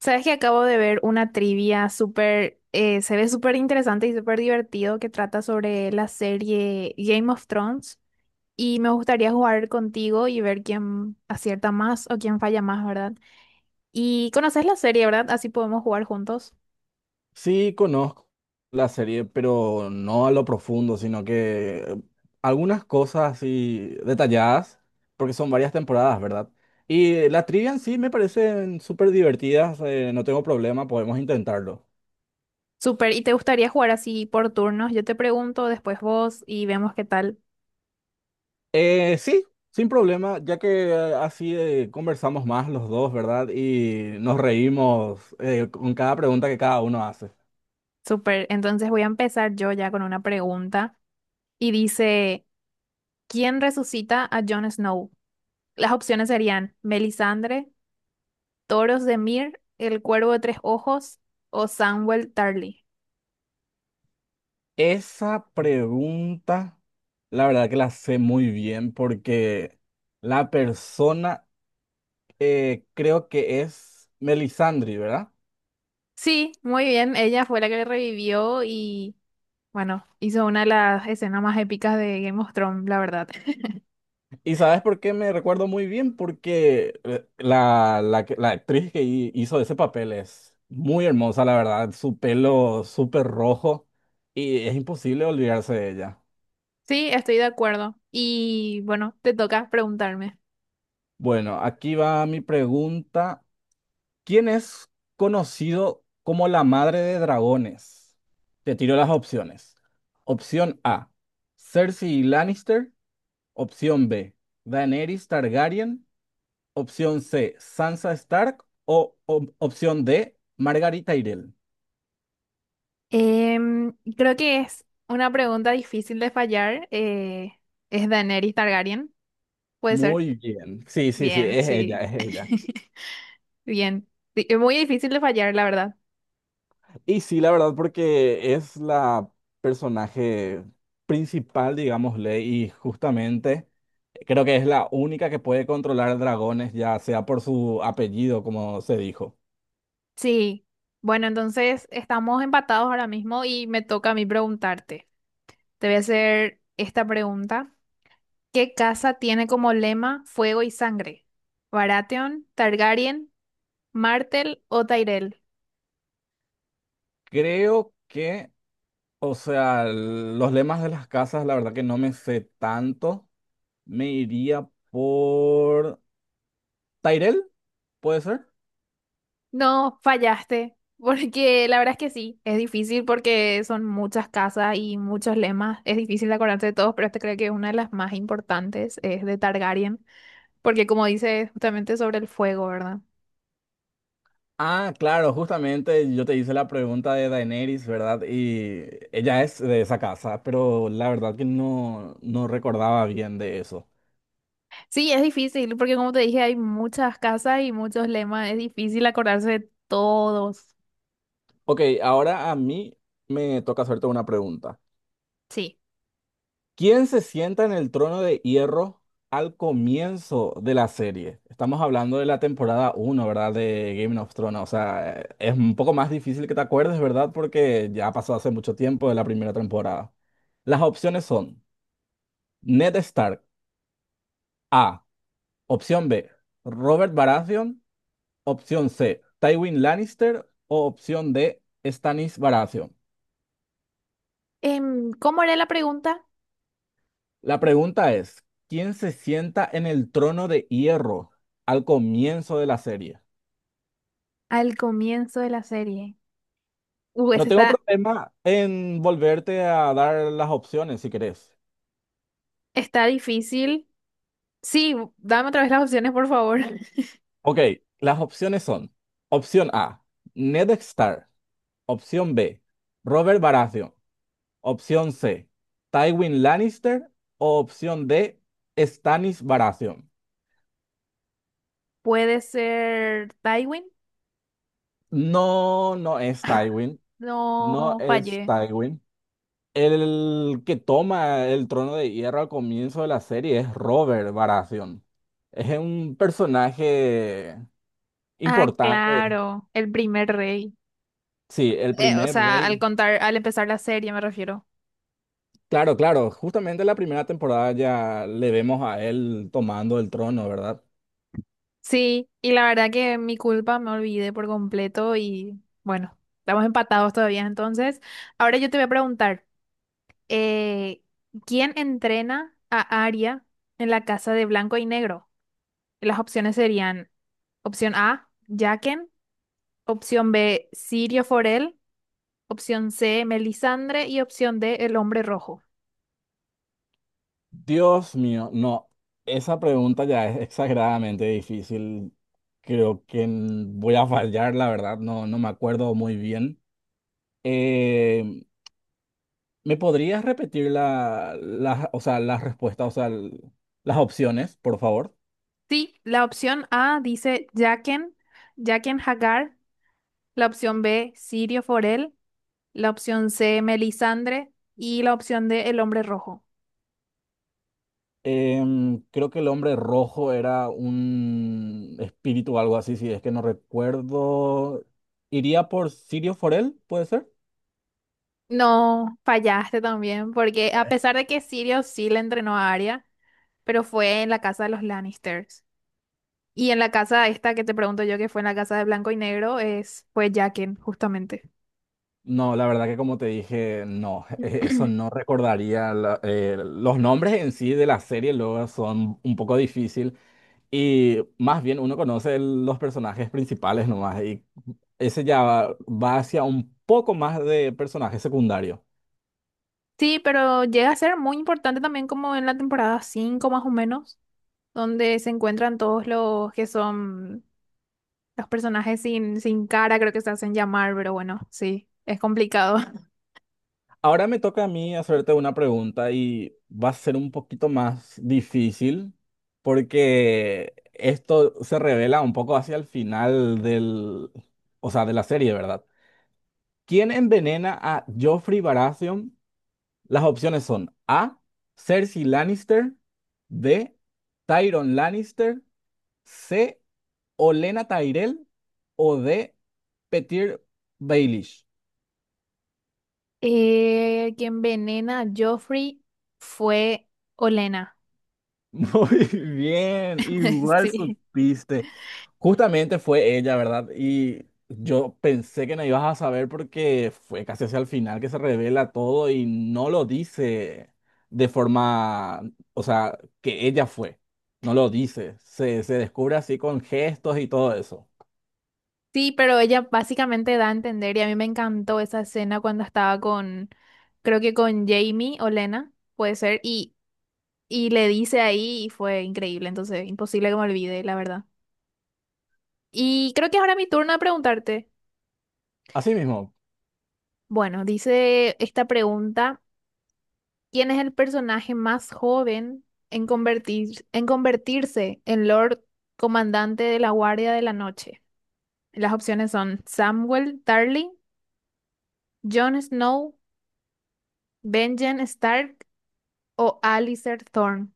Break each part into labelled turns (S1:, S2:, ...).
S1: Sabes que acabo de ver una trivia súper, se ve súper interesante y súper divertido que trata sobre la serie Game of Thrones y me gustaría jugar contigo y ver quién acierta más o quién falla más, ¿verdad? Y conoces la serie, ¿verdad? Así podemos jugar juntos.
S2: Sí, conozco la serie, pero no a lo profundo, sino que algunas cosas así detalladas, porque son varias temporadas, ¿verdad? Y la trivia en sí me parecen súper divertidas, no tengo problema, podemos intentarlo.
S1: Súper, y te gustaría jugar así por turnos. Yo te pregunto, después vos y vemos qué tal.
S2: Sí, sin problema, ya que así conversamos más los dos, ¿verdad? Y nos reímos con cada pregunta que cada uno hace.
S1: Súper, entonces voy a empezar yo ya con una pregunta y dice, ¿quién resucita a Jon Snow? Las opciones serían Melisandre, Toros de Mir, El Cuervo de Tres Ojos o Samuel Tarly.
S2: Esa pregunta, la verdad que la sé muy bien porque la persona creo que es Melisandre, ¿verdad?
S1: Sí, muy bien, ella fue la que le revivió y bueno, hizo una de las escenas más épicas de Game of Thrones, la verdad.
S2: ¿Y sabes por qué me recuerdo muy bien? Porque la actriz que hizo ese papel es muy hermosa, la verdad. Su pelo súper rojo y es imposible olvidarse de ella.
S1: Sí, estoy de acuerdo. Y bueno, te toca preguntarme.
S2: Bueno, aquí va mi pregunta. ¿Quién es conocido como la madre de dragones? Te tiro las opciones. Opción A, Cersei Lannister. Opción B, Daenerys Targaryen. Opción C, Sansa Stark. O opción D, Margarita Tyrell.
S1: Creo que es una pregunta difícil de fallar. ¿Es Daenerys Targaryen? ¿Puede ser?
S2: Muy bien. Sí, sí, sí,
S1: Bien,
S2: es ella,
S1: sí.
S2: es ella.
S1: Bien. Sí, es muy difícil de fallar, la verdad.
S2: Y sí, la verdad, porque es la personaje principal, digámosle, y justamente. Creo que es la única que puede controlar dragones, ya sea por su apellido, como se dijo.
S1: Sí, bueno, entonces estamos empatados ahora mismo y me toca a mí preguntarte. Te voy a hacer esta pregunta. ¿Qué casa tiene como lema fuego y sangre? ¿Baratheon, Targaryen, Martel o Tyrell?
S2: Creo que, o sea, los lemas de las casas, la verdad que no me sé tanto. Me iría por... ¿Tyrell? ¿Puede ser?
S1: No, fallaste, porque la verdad es que sí, es difícil porque son muchas casas y muchos lemas. Es difícil de acordarse de todos, pero este creo que una de las más importantes es de Targaryen, porque como dice es justamente sobre el fuego, ¿verdad?
S2: Ah, claro, justamente yo te hice la pregunta de Daenerys, ¿verdad? Y ella es de esa casa, pero la verdad que no, no recordaba bien de eso.
S1: Sí, es difícil, porque como te dije, hay muchas casas y muchos lemas, es difícil acordarse de todos.
S2: Ok, ahora a mí me toca hacerte una pregunta.
S1: Sí.
S2: ¿Quién se sienta en el trono de hierro al comienzo de la serie? Estamos hablando de la temporada uno, ¿verdad? De Game of Thrones. O sea, es un poco más difícil que te acuerdes, ¿verdad? Porque ya pasó hace mucho tiempo de la primera temporada. Las opciones son Ned Stark, A. Opción B, Robert Baratheon. Opción C, Tywin Lannister. O opción D, Stannis Baratheon.
S1: ¿Cómo era la pregunta?
S2: La pregunta es, ¿quién se sienta en el trono de hierro al comienzo de la serie?
S1: Al comienzo de la serie.
S2: No
S1: Esa
S2: tengo
S1: está,
S2: problema en volverte a dar las opciones si querés.
S1: está difícil. Sí, dame otra vez las opciones, por favor.
S2: Ok, las opciones son: opción A, Ned Stark. Opción B, Robert Baratheon. Opción C, Tywin Lannister. O opción D, Stannis Baratheon.
S1: Puede ser Tywin.
S2: No, no es Tywin. No
S1: No,
S2: es
S1: fallé.
S2: Tywin. El que toma el trono de hierro al comienzo de la serie es Robert Baratheon. Es un personaje
S1: Ah,
S2: importante.
S1: claro, el primer rey.
S2: Sí, el
S1: O
S2: primer
S1: sea, al
S2: rey.
S1: contar, al empezar la serie, me refiero.
S2: Claro, claro, justamente la primera temporada ya le vemos a él tomando el trono, ¿verdad?
S1: Sí, y la verdad que mi culpa me olvidé por completo y bueno, estamos empatados todavía. Entonces, ahora yo te voy a preguntar, eh, ¿quién entrena a Arya en la casa de blanco y negro? Y las opciones serían opción A, Jaqen, opción B, Sirio Forel, opción C, Melisandre y opción D, el hombre rojo.
S2: Dios mío, no, esa pregunta ya es exageradamente difícil. Creo que voy a fallar, la verdad, no, no me acuerdo muy bien. Eh, ¿Me podrías repetir o sea, las respuestas, o sea, las opciones, por favor?
S1: Sí, la opción A dice Jaqen, Jaqen Hagar, la opción B, Sirio Forel, la opción C, Melisandre, y la opción D, el hombre rojo.
S2: Creo que el hombre rojo era un espíritu o algo así, si es que no recuerdo. ¿Iría por Sirio Forel? ¿Puede ser?
S1: No, fallaste también, porque a pesar de que Sirius sí le entrenó a Arya, pero fue en la casa de los Lannisters. Y en la casa esta que te pregunto yo, que fue en la casa de Blanco y Negro, es, fue Jaqen, justamente.
S2: No, la verdad que como te dije, no, eso no recordaría. La- los nombres en sí de la serie luego son un poco difícil y más bien uno conoce los personajes principales nomás y ese ya va hacia un poco más de personajes secundarios.
S1: Sí, pero llega a ser muy importante también como en la temporada 5 más o menos, donde se encuentran todos los que son los personajes sin cara, creo que se hacen llamar, pero bueno, sí, es complicado.
S2: Ahora me toca a mí hacerte una pregunta y va a ser un poquito más difícil porque esto se revela un poco hacia el final del, o sea, de la serie, ¿verdad? ¿Quién envenena a Joffrey Baratheon? Las opciones son A, Cersei Lannister; B, Tyrion Lannister; C, Olenna Tyrell; o D, Petyr Baelish.
S1: Que envenena a Joffrey fue Olena.
S2: Muy bien, igual
S1: Sí.
S2: supiste. Justamente fue ella, ¿verdad? Y yo pensé que no ibas a saber porque fue casi hacia el final que se revela todo y no lo dice de forma, o sea, que ella fue. No lo dice. Se descubre así con gestos y todo eso.
S1: Sí, pero ella básicamente da a entender, y a mí me encantó esa escena cuando estaba con, creo que con Jamie Olena, puede ser, y le dice ahí y fue increíble, entonces imposible que me olvide, la verdad. Y creo que ahora mi turno de preguntarte.
S2: Así mismo,
S1: Bueno, dice esta pregunta. ¿Quién es el personaje más joven en convertir- en convertirse en Lord Comandante de la Guardia de la Noche? Las opciones son Samuel Tarly, Jon Snow, Benjen Stark o Alistair Thorne.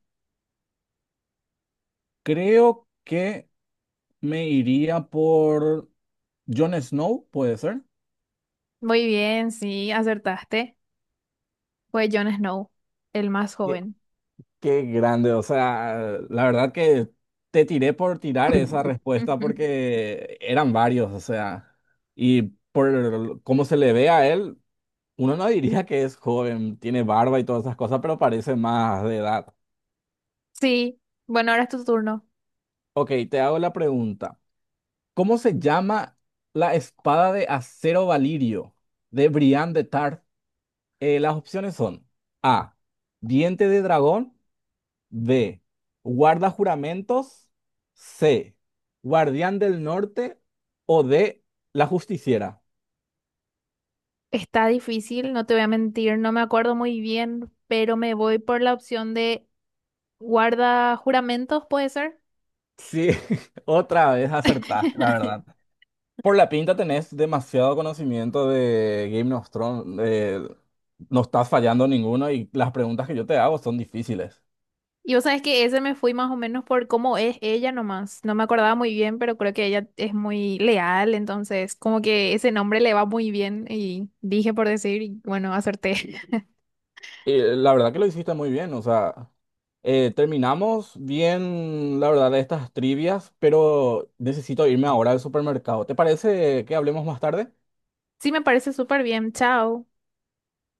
S2: creo que me iría por Jon Snow, ¿puede ser?
S1: Muy bien, sí, acertaste. Fue Jon Snow, el más joven.
S2: Qué grande, o sea, la verdad que te tiré por tirar esa respuesta
S1: Ujú.
S2: porque eran varios, o sea, y por cómo se le ve a él, uno no diría que es joven, tiene barba y todas esas cosas, pero parece más de edad.
S1: Sí, bueno, ahora es tu turno.
S2: Ok, te hago la pregunta. ¿Cómo se llama la espada de acero valirio de Brian de Tarth? Las opciones son A, diente de dragón; B, guarda juramentos; C, guardián del Norte; o D, la justiciera.
S1: Está difícil, no te voy a mentir, no me acuerdo muy bien, pero me voy por la opción de guarda juramentos, ¿puede ser?
S2: Sí, otra vez acertaste, la verdad. Por la pinta tenés demasiado conocimiento de Game of Thrones. No estás fallando ninguno y las preguntas que yo te hago son difíciles.
S1: Y vos sabés que ese me fui más o menos por cómo es ella nomás. No me acordaba muy bien, pero creo que ella es muy leal, entonces como que ese nombre le va muy bien y dije por decir, y bueno, acerté.
S2: Y la verdad que lo hiciste muy bien, o sea, terminamos bien, la verdad, de estas trivias, pero necesito irme ahora al supermercado. ¿Te parece que hablemos más tarde?
S1: Sí, me parece súper bien. Chao.